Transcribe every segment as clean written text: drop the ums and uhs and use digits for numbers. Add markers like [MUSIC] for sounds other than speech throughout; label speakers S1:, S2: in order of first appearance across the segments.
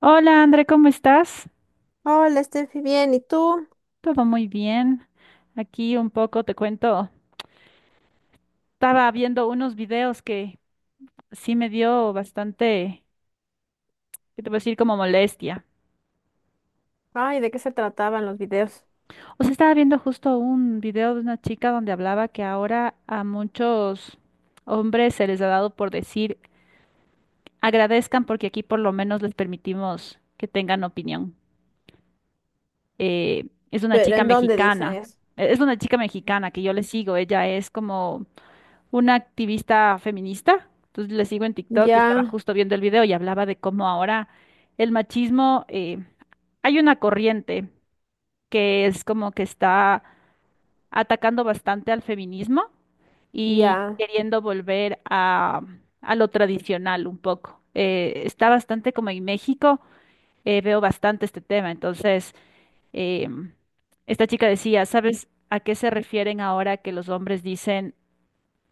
S1: Hola André, ¿cómo estás?
S2: Hola, Steffi, bien, ¿y tú?
S1: Todo muy bien. Aquí un poco te cuento. Estaba viendo unos videos que sí me dio bastante, ¿qué te puedo decir? Como molestia.
S2: Ay, ¿de qué se trataban los videos?
S1: O sea, estaba viendo justo un video de una chica donde hablaba que ahora a muchos hombres se les ha dado por decir agradezcan porque aquí por lo menos les permitimos que tengan opinión. Es una
S2: ¿Pero
S1: chica
S2: en dónde dicen
S1: mexicana.
S2: eso?
S1: Es una chica mexicana que yo le sigo. Ella es como una activista feminista. Entonces le sigo en TikTok y estaba
S2: Ya,
S1: justo viendo el video y hablaba de cómo ahora el machismo, hay una corriente que es como que está atacando bastante al feminismo y
S2: ya.
S1: queriendo volver a lo tradicional un poco. Está bastante como en México, veo bastante este tema. Entonces, em, esta chica decía, ¿sabes a qué se refieren ahora que los hombres dicen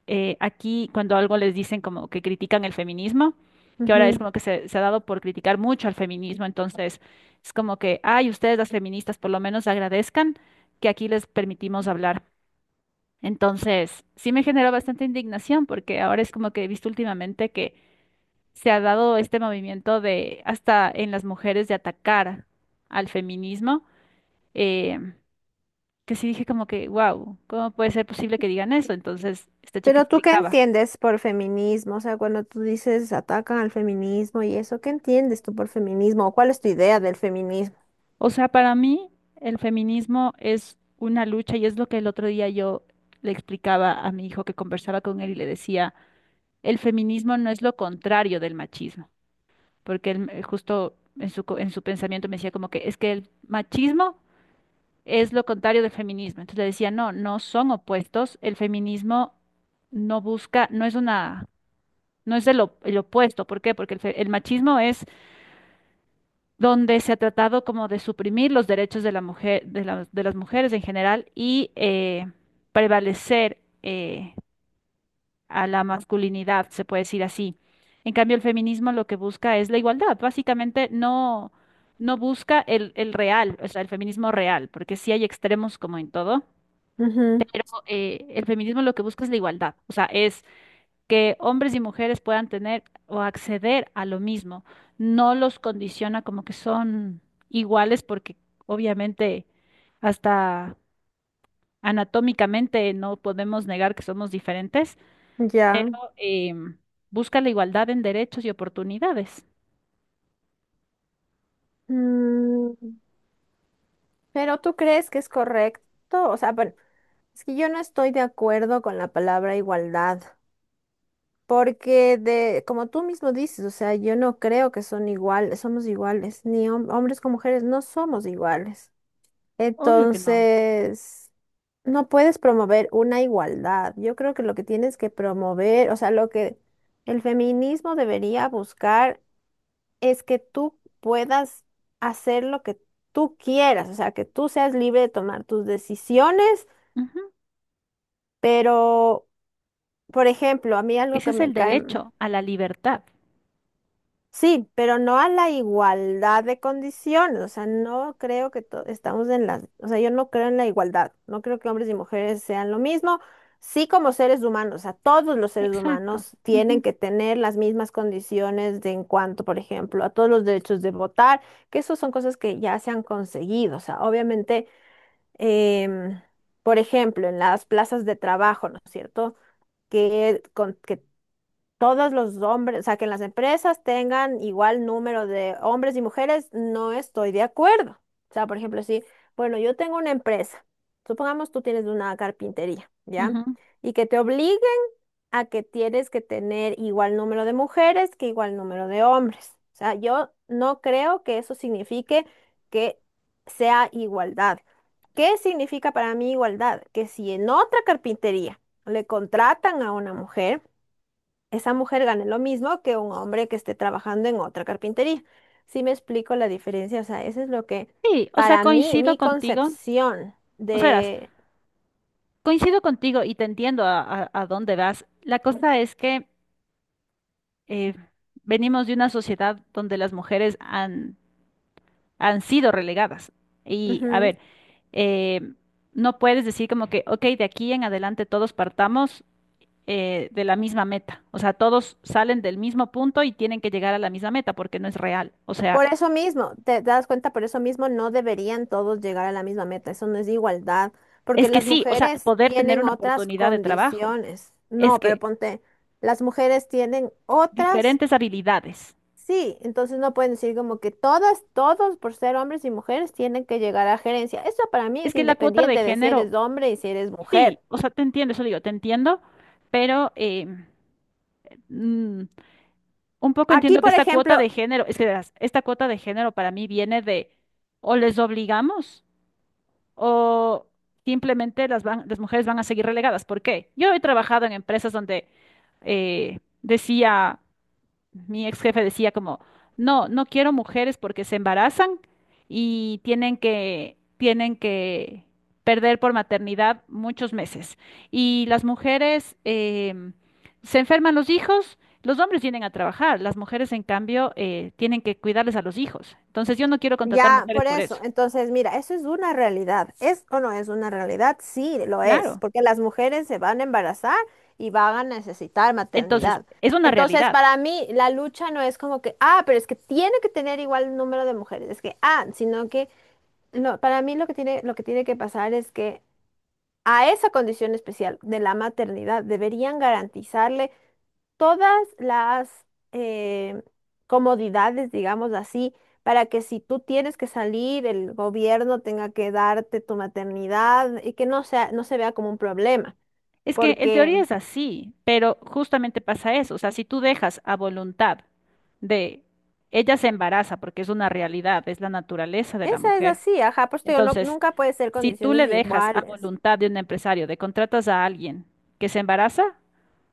S1: aquí cuando algo les dicen como que critican el feminismo, que ahora es
S2: Ujú.
S1: como que se ha dado por criticar mucho al feminismo, entonces es como que, ay, ustedes las feministas por lo menos agradezcan que aquí les permitimos hablar. Entonces, sí me generó bastante indignación porque ahora es como que he visto últimamente que se ha dado este movimiento de hasta en las mujeres de atacar al feminismo, eh, que sí dije como que, wow, ¿cómo puede ser posible que digan eso? Entonces, esta chica
S2: ¿Pero tú qué
S1: explicaba.
S2: entiendes por feminismo? O sea, cuando tú dices atacan al feminismo y eso, ¿qué entiendes tú por feminismo? ¿O cuál es tu idea del feminismo?
S1: O sea, para mí el feminismo es una lucha y es lo que el otro día yo le explicaba a mi hijo que conversaba con él y le decía, el feminismo no es lo contrario del machismo, porque él justo en su pensamiento me decía como que es que el machismo es lo contrario del feminismo. Entonces le decía, no, no son opuestos, el feminismo no busca, no es una, no es el, op- el opuesto. ¿Por qué? Porque el machismo es donde se ha tratado como de suprimir los derechos de la mujer, de las mujeres en general y prevalecer a la masculinidad, se puede decir así. En cambio, el feminismo lo que busca es la igualdad. Básicamente no busca el real, o sea, el feminismo real, porque sí hay extremos como en todo. El feminismo lo que busca es la igualdad, o sea, es que hombres y mujeres puedan tener o acceder a lo mismo. No los condiciona como que son iguales porque obviamente hasta anatómicamente no podemos negar que somos diferentes.
S2: Ujú, ya.
S1: Em, busca la igualdad en derechos y oportunidades.
S2: Mm, ¿pero tú crees que es correcto? O sea, bueno, es que yo no estoy de acuerdo con la palabra igualdad. Porque de, como tú mismo dices, o sea, yo no creo que son iguales, somos iguales, ni hombres con mujeres no somos iguales.
S1: Obvio que no.
S2: Entonces, no puedes promover una igualdad. Yo creo que lo que tienes que promover, o sea, lo que el feminismo debería buscar es que tú puedas hacer lo que tú quieras, o sea, que tú seas libre de tomar tus decisiones,
S1: Ujú.
S2: pero, por ejemplo, a mí algo
S1: Ese
S2: que
S1: es el
S2: me cae.
S1: derecho a la libertad.
S2: Sí, pero no a la igualdad de condiciones, o sea, no creo que estamos en la, o sea, yo no creo en la igualdad, no creo que hombres y mujeres sean lo mismo, sí como seres humanos, o sea, todos los seres
S1: Exacto.
S2: humanos tienen
S1: Ujú,
S2: que tener las mismas condiciones de en cuanto, por ejemplo, a todos los derechos de votar, que eso son cosas que ya se han conseguido, o sea, obviamente, em, por ejemplo, en las plazas de trabajo, ¿no es cierto? Que, que todos los hombres, o sea, que en las empresas tengan igual número de hombres y mujeres, no estoy de acuerdo. O sea, por ejemplo, si, bueno, yo tengo una empresa, supongamos tú tienes una carpintería, ¿ya?
S1: ujú.
S2: Y que te obligue a que tienes que tener igual número de mujeres que igual número de hombres. O sea, yo no creo que eso signifique que sea igualdad. ¿Qué significa para mí igualdad? Que si en otra carpintería le contratan a una mujer, esa mujer gane lo mismo que un hombre que esté trabajando en otra carpintería. ¿Sí me explico la diferencia? O sea, eso es lo que,
S1: Sí, o sea,
S2: para mí,
S1: coincido
S2: mi
S1: contigo.
S2: concepción
S1: O sea, verás,
S2: de...
S1: coincido contigo y te entiendo a dónde vas. La cosa es que eh, venimos de una sociedad donde las mujeres han sido relegadas. Y a
S2: Ujú.
S1: ver, eh, no puedes decir como que, ok, de aquí en adelante todos partamos de la misma meta. O sea, todos salen del mismo punto y tienen que llegar a la misma meta porque no es real. O sea,
S2: Por eso mismo, te das cuenta, por eso mismo no deberían todos llegar a la misma meta. Eso no es igualdad, porque
S1: es que
S2: las
S1: sí, o sea,
S2: mujeres
S1: poder tener
S2: tienen
S1: una
S2: otras
S1: oportunidad de trabajo.
S2: condiciones.
S1: Es
S2: No, pero
S1: que
S2: ponte, las mujeres tienen otras.
S1: diferentes habilidades.
S2: Sí, entonces no pueden decir como que todas, todos por ser hombres y mujeres tienen que llegar a gerencia. Eso para mí
S1: Es
S2: es
S1: que la cuota de
S2: independiente de si
S1: género,
S2: eres hombre y si eres
S1: sí,
S2: mujer.
S1: o sea, te entiendo, eso digo, te entiendo, pero, mm, un poco
S2: Aquí,
S1: entiendo que
S2: por
S1: esta cuota
S2: ejemplo,
S1: de género, es que verás, esta cuota de género para mí viene de o les obligamos o simplemente las mujeres van a seguir relegadas. ¿Por qué? Yo he trabajado en empresas donde decía mi ex jefe decía como, no, no quiero mujeres porque se embarazan y tienen que perder por maternidad muchos meses. Y las mujeres se enferman los hijos, los hombres vienen a trabajar, las mujeres en cambio tienen que cuidarles a los hijos. Entonces yo no quiero contratar
S2: ya
S1: mujeres
S2: por
S1: por
S2: eso.
S1: eso.
S2: Entonces, mira, eso es una realidad. ¿Es o no es una realidad? Sí, lo es,
S1: Claro.
S2: porque las mujeres se van a embarazar y van a necesitar
S1: Entonces,
S2: maternidad.
S1: es una
S2: Entonces,
S1: realidad.
S2: para mí, la lucha no es como que, ah, pero es que tiene que tener igual número de mujeres. Es que, ah, sino que... No, para mí lo que tiene que pasar es que a esa condición especial de la maternidad deberían garantizarle todas las eh, comodidades, digamos así, para que si tú tienes que salir, el gobierno tenga que darte tu maternidad y que no sea, no se vea como un problema,
S1: Es que en
S2: porque
S1: teoría es así, pero justamente pasa eso. O sea, si tú dejas a voluntad de ella se embaraza, porque es una realidad, es la naturaleza de la
S2: esa es
S1: mujer.
S2: así, ajá, pues te digo,
S1: Entonces,
S2: nunca puede ser
S1: si tú
S2: condiciones
S1: le dejas a
S2: iguales.
S1: voluntad de un empresario, de contratas a alguien que se embaraza,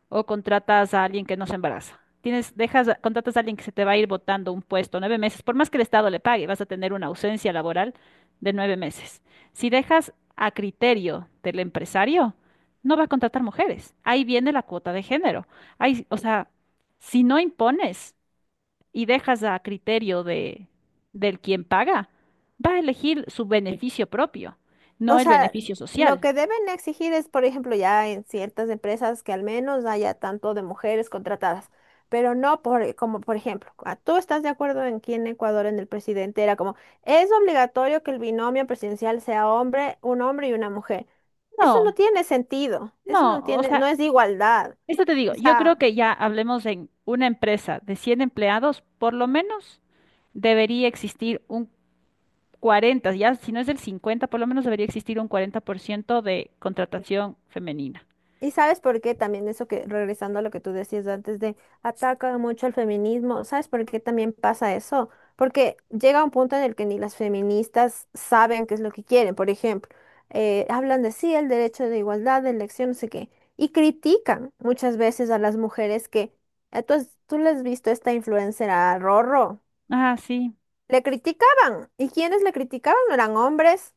S1: o contratas a alguien que no se embaraza. Tienes, dejas, contratas a alguien que se te va a ir botando un puesto 9 meses, por más que el Estado le pague, vas a tener una ausencia laboral de 9 meses. Si dejas a criterio del empresario, no va a contratar mujeres. Ahí viene la cuota de género. Ahí, o sea, si no impones y dejas a criterio del quien paga, va a elegir su beneficio propio, no
S2: O
S1: el
S2: sea,
S1: beneficio
S2: lo
S1: social.
S2: que deben exigir es, por ejemplo, ya en ciertas empresas que al menos haya tanto de mujeres contratadas, pero no por, como por ejemplo, ah, tú estás de acuerdo en que en Ecuador en el presidente era como, es obligatorio que el binomio presidencial sea hombre, un hombre y una mujer. Eso no
S1: No,
S2: tiene sentido, eso no
S1: no, o
S2: tiene, no
S1: sea,
S2: es de igualdad.
S1: esto te digo,
S2: O
S1: yo creo
S2: sea,
S1: que ya hablemos en una empresa de 100 empleados, por lo menos debería existir un 40, ya si no es del 50, por lo menos debería existir un 40% de contratación femenina.
S2: y sabes por qué también eso que, regresando a lo que tú decías antes de ataca mucho al feminismo, ¿sabes por qué también pasa eso? Porque llega un punto en el que ni las feministas saben qué es lo que quieren. Por ejemplo, hablan de sí, el derecho de igualdad, de elección, no sé qué, y critican muchas veces a las mujeres que, tú le has visto esta influencer a Rorro,
S1: Ah, sí.
S2: le criticaban, y quienes le criticaban no eran hombres,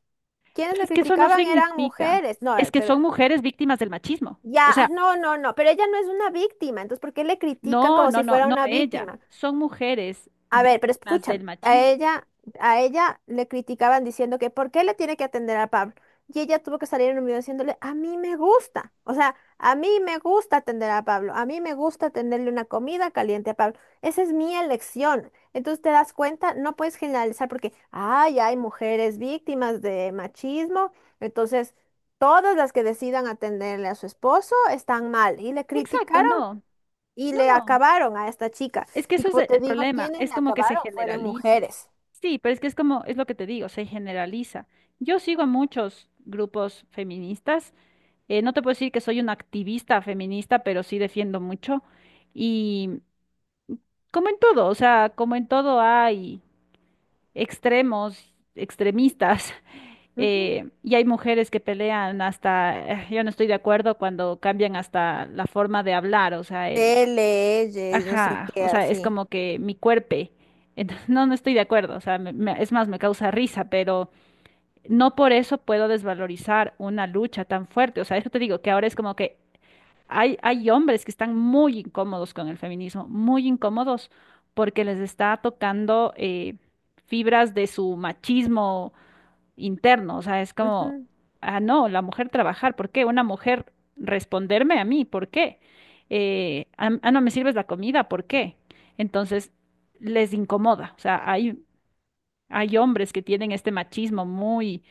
S2: quienes
S1: Pero
S2: le
S1: es que eso no
S2: criticaban eran
S1: significa,
S2: mujeres, no,
S1: es que
S2: pero
S1: son mujeres víctimas del machismo.
S2: ya,
S1: O
S2: ah,
S1: sea,
S2: no, no, no, pero ella no es una víctima, entonces ¿por qué le critican
S1: no,
S2: como
S1: no,
S2: si
S1: no,
S2: fuera
S1: no
S2: una
S1: ella,
S2: víctima?
S1: son mujeres
S2: A ver, pero
S1: víctimas
S2: escúchame,
S1: del machismo.
S2: a ella le criticaban diciendo que ¿por qué le tiene que atender a Pablo? Y ella tuvo que salir en un video diciéndole, a mí me gusta, o sea, a mí me gusta atender a Pablo, a mí me gusta tenerle una comida caliente a Pablo, esa es mi elección. Entonces te das cuenta, no puedes generalizar porque, ay, hay mujeres víctimas de machismo, entonces todas las que decidan atenderle a su esposo están mal. Y le
S1: Exacto,
S2: criticaron
S1: no,
S2: y
S1: no,
S2: le
S1: no.
S2: acabaron a esta chica.
S1: Es que
S2: Y
S1: eso es
S2: como
S1: e-
S2: te
S1: el
S2: digo,
S1: problema,
S2: quienes
S1: es
S2: le
S1: como que se
S2: acabaron fueron
S1: generaliza.
S2: mujeres.
S1: Sí, pero es que es como, es lo que te digo, se generaliza. Yo sigo a muchos grupos feministas, no te puedo decir que soy una activista feminista, pero sí defiendo mucho. Y como en todo, o sea, como en todo hay extremos, extremistas, [LAUGHS]
S2: Ujú.
S1: y hay mujeres que pelean hasta, yo no estoy de acuerdo cuando cambian hasta la forma de hablar, o sea, el,
S2: Él, no sé
S1: ajá,
S2: qué,
S1: o sea, es
S2: así.
S1: como que mi cuerpo. Entonces, no, no estoy de acuerdo, o sea, es más, me causa risa, pero no por eso puedo desvalorizar una lucha tan fuerte. O sea, eso te digo, que ahora es como que hay hombres que están muy incómodos con el feminismo, muy incómodos, porque les está tocando fibras de su machismo interno, o sea, es como,
S2: Ujú,
S1: ah, no, la mujer trabajar, ¿por qué? Una mujer responderme a mí, ¿por qué? Ah, ah, no me sirves la comida, ¿por qué? Entonces, les incomoda, o sea, hay hombres que tienen este machismo muy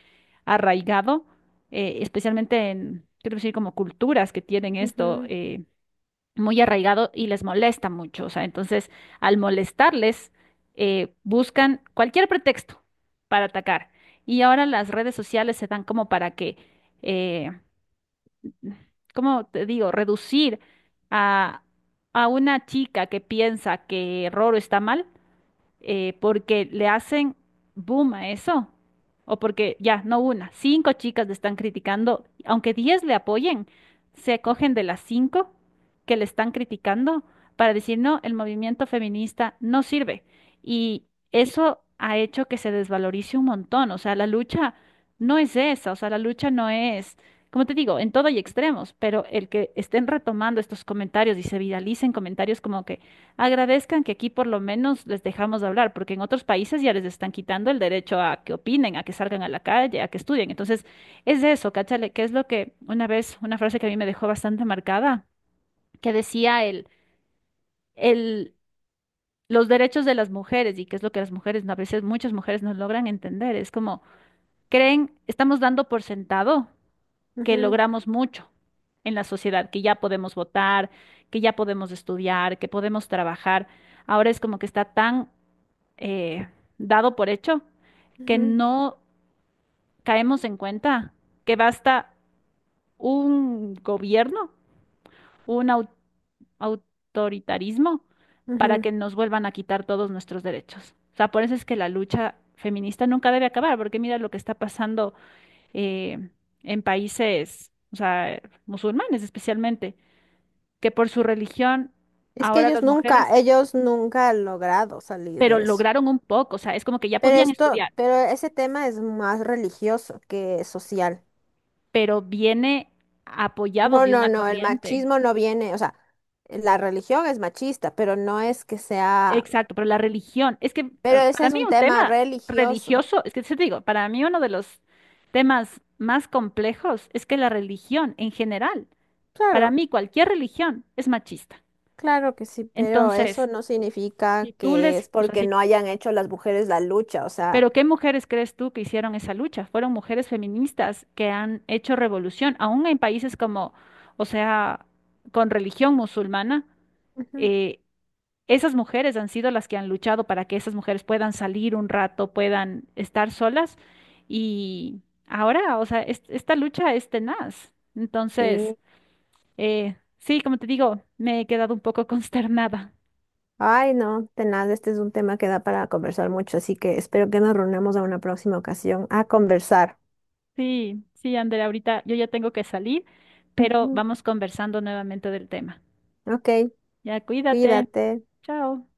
S1: arraigado, especialmente en, quiero decir, como culturas que tienen esto,
S2: ujú,
S1: muy arraigado y les molesta mucho. O sea, entonces, al molestarles, buscan cualquier pretexto para atacar. Y ahora las redes sociales se dan como para que, eh, ¿cómo te digo?, reducir a, a una chica que piensa que Roro está mal porque le hacen boom a eso. O porque ya, no una, cinco chicas le están criticando, aunque 10 le apoyen, se cogen de las cinco que le están criticando para decir, no, el movimiento feminista no sirve. Y eso ha hecho que se desvalorice un montón. O sea, la lucha no es esa, o sea, la lucha no es, como te digo, en todo hay extremos, pero el que estén retomando estos comentarios y se viralicen comentarios como que agradezcan que aquí por lo menos les dejamos hablar, porque en otros países ya les están quitando el derecho a que opinen, a que salgan a la calle, a que estudien. Entonces, es eso, cáchale, que es lo que una vez, una frase que a mí me dejó bastante marcada, que decía el, los derechos de las mujeres y que es lo que las mujeres, a veces muchas mujeres no logran entender. Es como, creen, estamos dando por sentado que
S2: ujú,
S1: logramos mucho en la sociedad, que ya podemos votar, que ya podemos estudiar, que podemos trabajar. Ahora es como que está tan eh, dado por hecho, que
S2: ujú,
S1: no caemos en cuenta que basta un gobierno, un autoritarismo, para
S2: ujú.
S1: que nos vuelvan a quitar todos nuestros derechos. O sea, por eso es que la lucha feminista nunca debe acabar, porque mira lo que está pasando eh, en países, o sea, musulmanes especialmente, que por su religión
S2: Es que
S1: ahora las mujeres,
S2: ellos nunca han logrado salir
S1: pero
S2: de eso.
S1: lograron un poco, o sea, es como que ya
S2: Pero
S1: podían
S2: esto,
S1: estudiar,
S2: pero ese tema es más religioso que social.
S1: pero viene apoyado
S2: No,
S1: de
S2: no,
S1: una
S2: no, el
S1: corriente.
S2: machismo no viene, o sea, la religión es machista, pero no es que sea,
S1: Exacto, pero la religión, es que
S2: pero ese
S1: para
S2: es
S1: mí
S2: un
S1: un
S2: tema
S1: tema
S2: religioso.
S1: religioso, es que sí te digo, para mí uno de los temas más complejos es que la religión en general, para
S2: Claro.
S1: mí cualquier religión es machista.
S2: Claro que sí, pero eso
S1: Entonces,
S2: no significa
S1: si tú
S2: que
S1: les,
S2: es
S1: o sea,
S2: porque
S1: si,
S2: no hayan hecho las mujeres la lucha, o sea,
S1: pero ¿qué mujeres crees tú que hicieron esa lucha? Fueron mujeres feministas que han hecho revolución, aún en países como, o sea, con religión musulmana.
S2: ujú,
S1: eh, Esas mujeres han sido las que han luchado para que esas mujeres puedan salir un rato, puedan estar solas y ahora, o sea, esta lucha es tenaz. Entonces,
S2: sí.
S1: sí, como te digo, me he quedado un poco [LAUGHS] consternada.
S2: Ay, no, de nada, este es un tema que da para conversar mucho, así que espero que nos reunamos a una próxima ocasión a conversar.
S1: Sí, sí, Ander, ahorita yo ya tengo que salir, pero
S2: Ujú,
S1: vamos conversando nuevamente del tema.
S2: ok,
S1: Ya, cuídate.
S2: cuídate.
S1: Chao.